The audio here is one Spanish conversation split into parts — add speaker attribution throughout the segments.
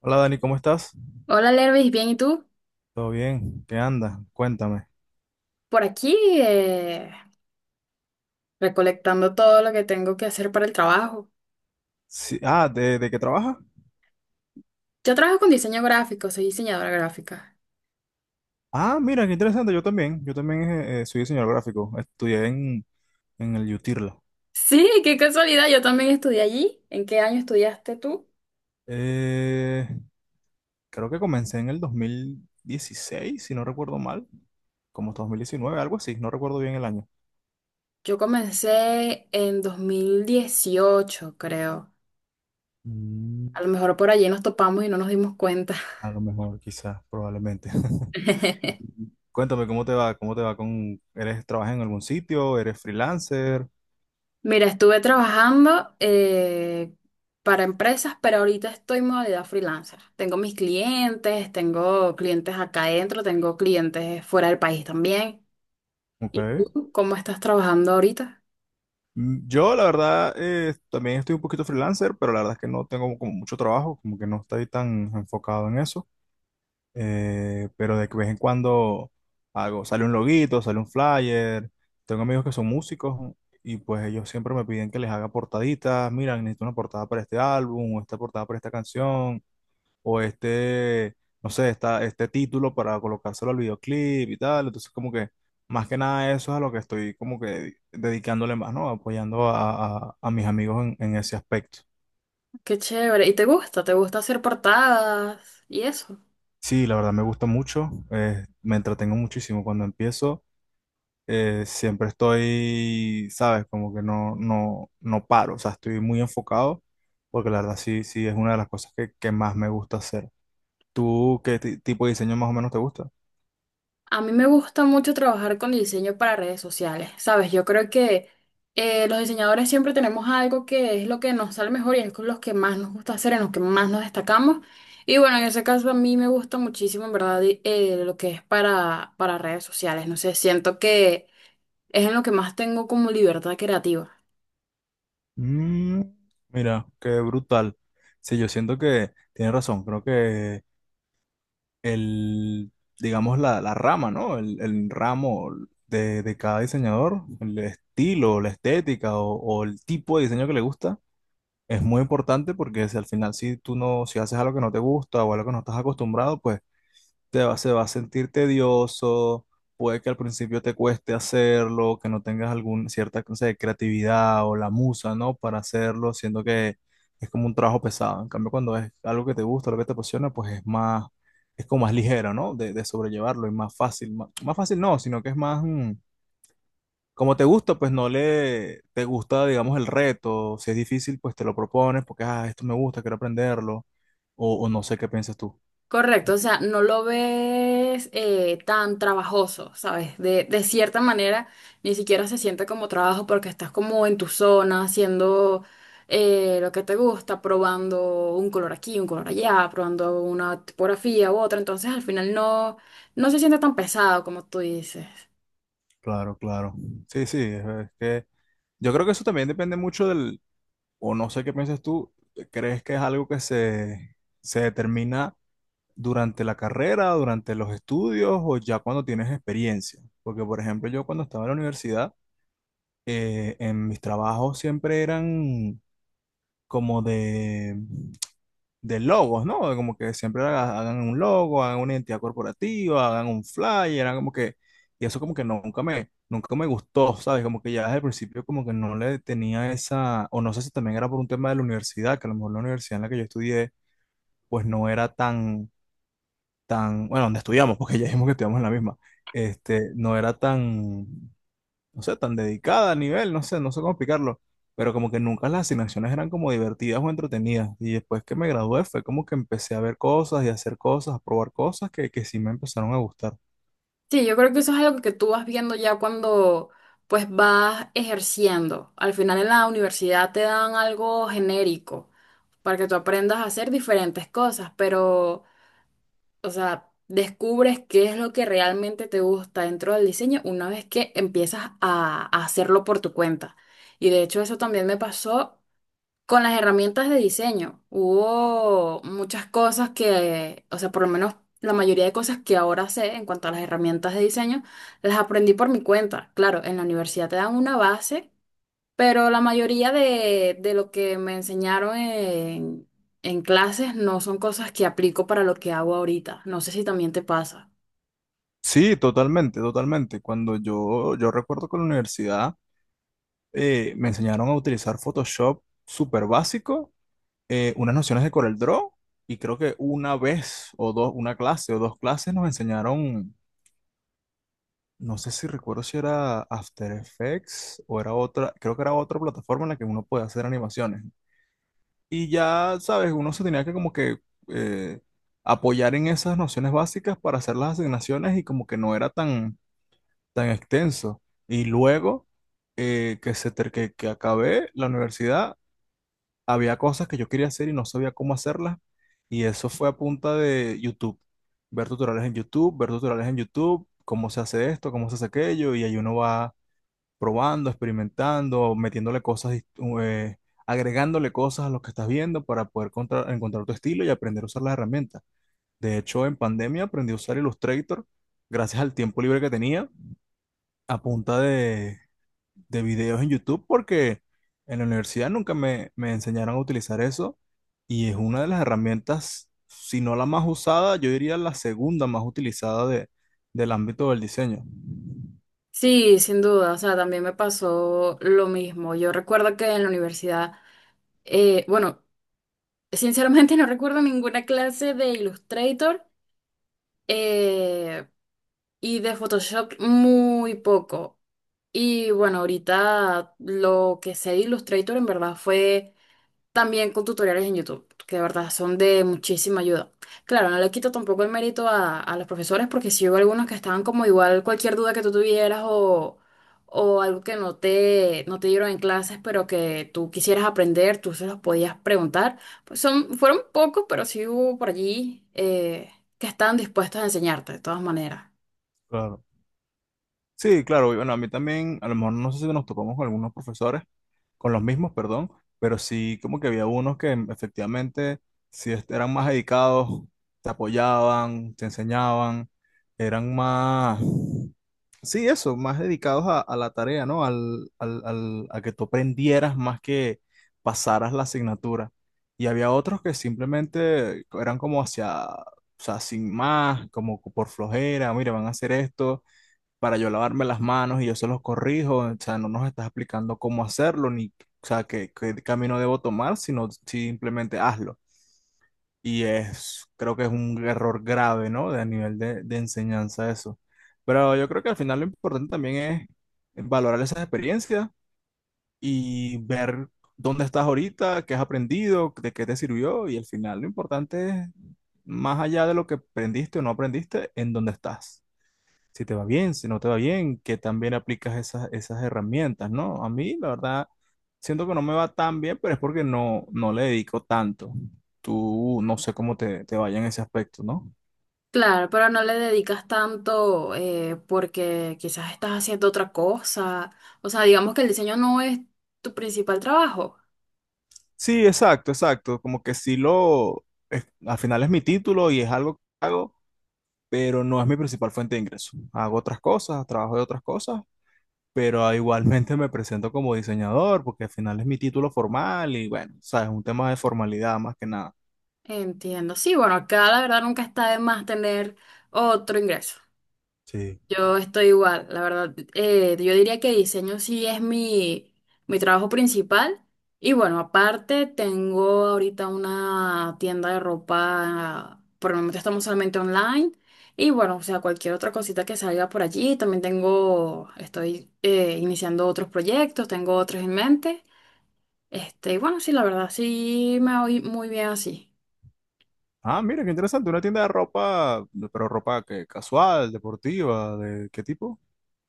Speaker 1: Hola Dani, ¿cómo estás?
Speaker 2: Hola Lervis, bien, ¿y tú?
Speaker 1: ¿Todo bien? ¿Qué anda? Cuéntame.
Speaker 2: Por aquí eh, recolectando todo lo que tengo que hacer para el trabajo.
Speaker 1: Sí, ah, ¿¿de qué trabajas?
Speaker 2: Yo trabajo con diseño gráfico, soy diseñadora gráfica.
Speaker 1: Ah, mira, qué interesante. Yo también. Yo también soy diseñador gráfico. Estudié en el UTIRLA.
Speaker 2: Sí, qué casualidad, yo también estudié allí. ¿En qué año estudiaste tú?
Speaker 1: Eh, Creo que comencé en el 2016, si no recuerdo mal. Como 2019, algo así. No recuerdo bien el año.
Speaker 2: Yo comencé en 2018, creo.
Speaker 1: Mm,
Speaker 2: A lo mejor por allí nos topamos y no nos dimos cuenta.
Speaker 1: a lo mejor, quizás, probablemente. Cuéntame, ¿cómo te va? ¿Cómo te va con... ¿Eres, trabajas en algún sitio? ¿Eres freelancer?
Speaker 2: Mira, estuve trabajando para empresas, pero ahorita estoy en modalidad freelancer. Tengo mis clientes, tengo clientes acá adentro, tengo clientes fuera del país también. ¿Y
Speaker 1: Ok.
Speaker 2: tú cómo estás trabajando ahorita?
Speaker 1: Mm, yo, la verdad, también estoy un poquito freelancer, pero la verdad es que no tengo como mucho trabajo, como que no estoy tan enfocado en eso. Pero de que vez en cuando sale un loguito, sale un flyer. Tengo amigos que son músicos y pues ellos siempre me piden que les haga portaditas. Mira, necesito una portada para este álbum o esta portada para esta canción o este, no sé, este título para colocárselo al videoclip y tal. Entonces, como que más que nada eso es a lo que estoy como que dedicándole más, ¿no? Apoyando a mis amigos en ese aspecto.
Speaker 2: Qué chévere. ¿Y te gusta? ¿Te gusta hacer portadas y eso?
Speaker 1: Sí, la verdad me gusta mucho, me entretengo muchísimo cuando empiezo. Siempre estoy, ¿sabes? Como que no, no, no paro, o sea, estoy muy enfocado, porque la verdad sí, sí es una de las cosas que más me gusta hacer. ¿Tú qué tipo de diseño más o menos te gusta?
Speaker 2: A mí me gusta mucho trabajar con diseño para redes sociales, ¿sabes? Yo creo que los diseñadores siempre tenemos algo que es lo que nos sale mejor y es con los que más nos gusta hacer, en los que más nos destacamos. Y bueno, en ese caso a mí me gusta muchísimo, en verdad, lo que es para redes sociales. No sé, siento que es en lo que más tengo como libertad creativa.
Speaker 1: Mm, mira, qué brutal. Sí, yo siento que tiene razón. Creo que el, digamos, la rama, ¿no? El ramo de cada diseñador, el estilo, la estética o el tipo de diseño que le gusta, es muy importante porque si al final, si tú no, si haces algo que no te gusta o algo que no estás acostumbrado, pues te va, se va a sentir tedioso, puede que al principio te cueste hacerlo, que no tengas alguna cierta, no sé, creatividad o la musa, ¿no? Para hacerlo, siendo que es como un trabajo pesado. En cambio, cuando es algo que te gusta, lo que te apasiona, pues es más, es como más ligero, ¿no? De sobrellevarlo y más fácil. Más, más fácil no, sino que es más, mm, como te gusta, pues no le, te gusta, digamos, el reto. Si es difícil, pues te lo propones porque, ah, esto me gusta, quiero aprenderlo. O no sé qué piensas tú.
Speaker 2: Correcto, o sea, no lo ves tan trabajoso, ¿sabes? De cierta manera, ni siquiera se siente como trabajo porque estás como en tu zona, haciendo lo que te gusta, probando un color aquí, un color allá, probando una tipografía u otra, entonces al final no, no se siente tan pesado como tú dices.
Speaker 1: Claro, claro. Sí, sí, es que yo creo que eso también depende mucho del, o no sé qué piensas tú, ¿crees que es algo que se determina durante la carrera, durante los estudios o ya cuando tienes experiencia? Porque, por ejemplo, yo cuando estaba en la universidad, en mis trabajos siempre eran como de logos, ¿no? Como que siempre hagan un logo, hagan una identidad corporativa, hagan un flyer, hagan como que, y eso como que nunca me, nunca me gustó, ¿sabes? Como que ya desde el principio como que no le tenía esa, o no sé si también era por un tema de la universidad, que a lo mejor la universidad en la que yo estudié, pues no era tan, tan, bueno, donde estudiamos, porque ya dijimos que estudiamos en la misma, este, no era tan, no sé, tan dedicada a nivel, no sé, no sé cómo explicarlo, pero como que nunca las asignaciones eran como divertidas o entretenidas. Y después que me gradué fue como que empecé a ver cosas y a hacer cosas, a probar cosas que sí me empezaron a gustar.
Speaker 2: Sí, yo creo que eso es algo que tú vas viendo ya cuando pues vas ejerciendo. Al final en la universidad te dan algo genérico para que tú aprendas a hacer diferentes cosas, pero, o sea, descubres qué es lo que realmente te gusta dentro del diseño una vez que empiezas a hacerlo por tu cuenta. Y de hecho eso también me pasó con las herramientas de diseño, hubo muchas cosas que, o sea, por lo menos la mayoría de cosas que ahora sé en cuanto a las herramientas de diseño, las aprendí por mi cuenta. Claro, en la universidad te dan una base, pero la mayoría de lo que me enseñaron en clases no son cosas que aplico para lo que hago ahorita. No sé si también te pasa.
Speaker 1: Sí, totalmente, totalmente. Cuando yo recuerdo que en la universidad me enseñaron a utilizar Photoshop súper básico, unas nociones de Corel Draw, y creo que una vez o dos, una clase o dos clases nos enseñaron. No sé si recuerdo si era After Effects o era otra, creo que era otra plataforma en la que uno puede hacer animaciones. ¿No? Y ya, sabes, uno se tenía que como que eh, apoyar en esas nociones básicas para hacer las asignaciones y como que no era tan, tan extenso. Y luego que, se ter- que acabé la universidad, había cosas que yo quería hacer y no sabía cómo hacerlas. Y eso fue a punta de YouTube, ver tutoriales en YouTube, ver tutoriales en YouTube, cómo se hace esto, cómo se hace aquello, y ahí uno va probando, experimentando, metiéndole cosas, eh, agregándole cosas a lo que estás viendo para poder encontrar tu estilo y aprender a usar las herramientas. De hecho, en pandemia aprendí a usar Illustrator gracias al tiempo libre que tenía a punta de videos en YouTube porque en la universidad nunca me, me enseñaron a utilizar eso y es una de las herramientas, si no la más usada, yo diría la segunda más utilizada de, del ámbito del diseño.
Speaker 2: Sí, sin duda, o sea, también me pasó lo mismo. Yo recuerdo que en la universidad, bueno, sinceramente no recuerdo ninguna clase de Illustrator eh, y de Photoshop muy poco. Y bueno, ahorita lo que sé de Illustrator en verdad fue también con tutoriales en YouTube, que de verdad son de muchísima ayuda. Claro, no le quito tampoco el mérito a los profesores, porque si hubo algunos que estaban como igual cualquier duda que tú tuvieras o algo que no te, no te dieron en clases, pero que tú quisieras aprender, tú se los podías preguntar. Pues son, fueron pocos, pero sí hubo por allí que estaban dispuestos a enseñarte, de todas maneras.
Speaker 1: Claro. Sí, claro, y bueno, a mí también, a lo mejor no sé si nos topamos con algunos profesores, con los mismos, perdón, pero sí como que había unos que efectivamente eran más dedicados, te apoyaban, te enseñaban, eran más, sí, eso, más dedicados a la tarea, ¿no? Al a que tú aprendieras más que pasaras la asignatura. Y había otros que simplemente eran como hacia, o sea, sin más, como por flojera, mire, van a hacer esto para yo lavarme las manos y yo se los corrijo, o sea, no nos estás explicando cómo hacerlo ni, o sea, qué, qué camino debo tomar, sino simplemente hazlo. Y es, creo que es un error grave, ¿no? De a nivel de enseñanza eso. Pero yo creo que al final lo importante también es valorar esas experiencias y ver dónde estás ahorita, qué has aprendido, de qué te sirvió y al final lo importante es, más allá de lo que aprendiste o no aprendiste, en dónde estás si te va bien, si no te va bien, que también aplicas esas, esas herramientas, ¿no? A mí, la verdad, siento que no me va tan bien, pero es porque no, no le dedico tanto. Tú no sé cómo te, te vaya en ese aspecto, ¿no?
Speaker 2: Claro, pero no le dedicas tanto porque quizás estás haciendo otra cosa. O sea, digamos que el diseño no es tu principal trabajo.
Speaker 1: Sí, exacto, exacto. Como que sí lo, al final es mi título y es algo que hago, pero no es mi principal fuente de ingreso. Hago otras cosas, trabajo de otras cosas, pero ah, igualmente me presento como diseñador porque al final es mi título formal y bueno, sabes, un tema de formalidad más que nada.
Speaker 2: Entiendo. Sí, bueno, acá la verdad nunca está de más tener otro ingreso.
Speaker 1: Sí.
Speaker 2: Yo estoy igual, la verdad. Yo diría que diseño sí es mi, mi trabajo principal. Y bueno, aparte tengo ahorita una tienda de ropa, por el momento estamos solamente online. Y bueno, o sea, cualquier otra cosita que salga por allí. También tengo, estoy iniciando otros proyectos, tengo otros en mente. Este, y bueno, sí, la verdad, sí me voy muy bien así.
Speaker 1: Ah, mira, qué interesante. Una tienda de ropa, de- pero ropa que casual, deportiva, ¿de qué tipo?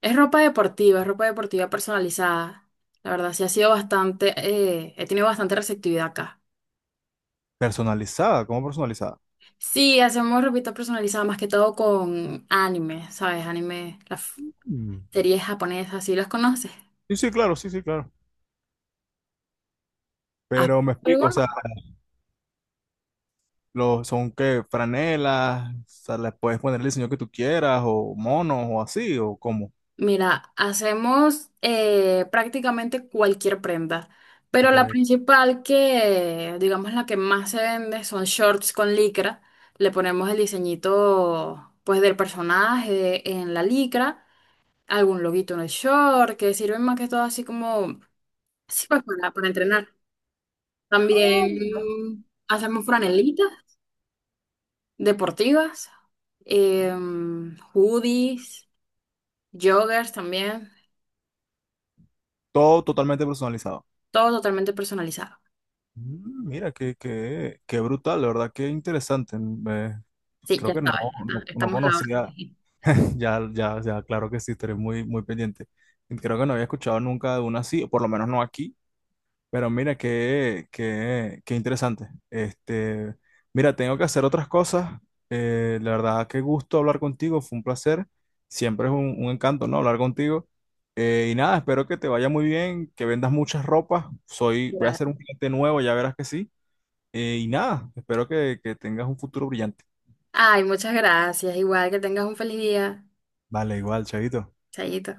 Speaker 2: Es ropa deportiva personalizada. La verdad, sí ha sido bastante, he tenido bastante receptividad acá.
Speaker 1: Personalizada, ¿cómo personalizada?
Speaker 2: Sí, hacemos ropita personalizada más que todo con anime, ¿sabes? Anime, las f-
Speaker 1: Mm.
Speaker 2: series japonesas, ¿sí las conoces?
Speaker 1: Sí, sí, claro, sí, sí, claro.
Speaker 2: Ah,
Speaker 1: Pero me
Speaker 2: ¿alguno?
Speaker 1: explico, o sea, los, son qué, franelas, o sea, les puedes poner el diseño que tú quieras, o monos, o así, o cómo.
Speaker 2: Mira, hacemos prácticamente cualquier prenda, pero la
Speaker 1: Ok.
Speaker 2: principal que, digamos, la que más se vende son shorts con licra. Le ponemos el diseñito, pues, del personaje en la licra. Algún loguito en el short, que sirven más que todo así como, sí, pues para entrenar.
Speaker 1: Ah, mira.
Speaker 2: También hacemos franelitas deportivas, hoodies, joggers también,
Speaker 1: Todo totalmente personalizado.
Speaker 2: todo totalmente personalizado.
Speaker 1: Mm, mira, qué, qué, qué brutal, la verdad, qué interesante.
Speaker 2: Sí,
Speaker 1: Creo
Speaker 2: ya
Speaker 1: que no,
Speaker 2: sabes, ah,
Speaker 1: no, no
Speaker 2: estamos a la hora.
Speaker 1: conocía. Ya, ya, ya, claro que sí, estaré muy, muy pendiente. Creo que no había escuchado nunca de una así, o por lo menos no aquí. Pero mira, qué, qué, qué interesante. Este, mira, tengo que hacer otras cosas. La verdad, qué gusto hablar contigo, fue un placer. Siempre es un encanto, ¿no? Hablar contigo. Y nada, espero que te vaya muy bien, que vendas muchas ropas. Soy, voy a ser un cliente nuevo, ya verás que sí. Y nada, espero que tengas un futuro brillante.
Speaker 2: Ay, muchas gracias, igual que tengas un feliz día.
Speaker 1: Vale, igual, chavito.
Speaker 2: Chayito.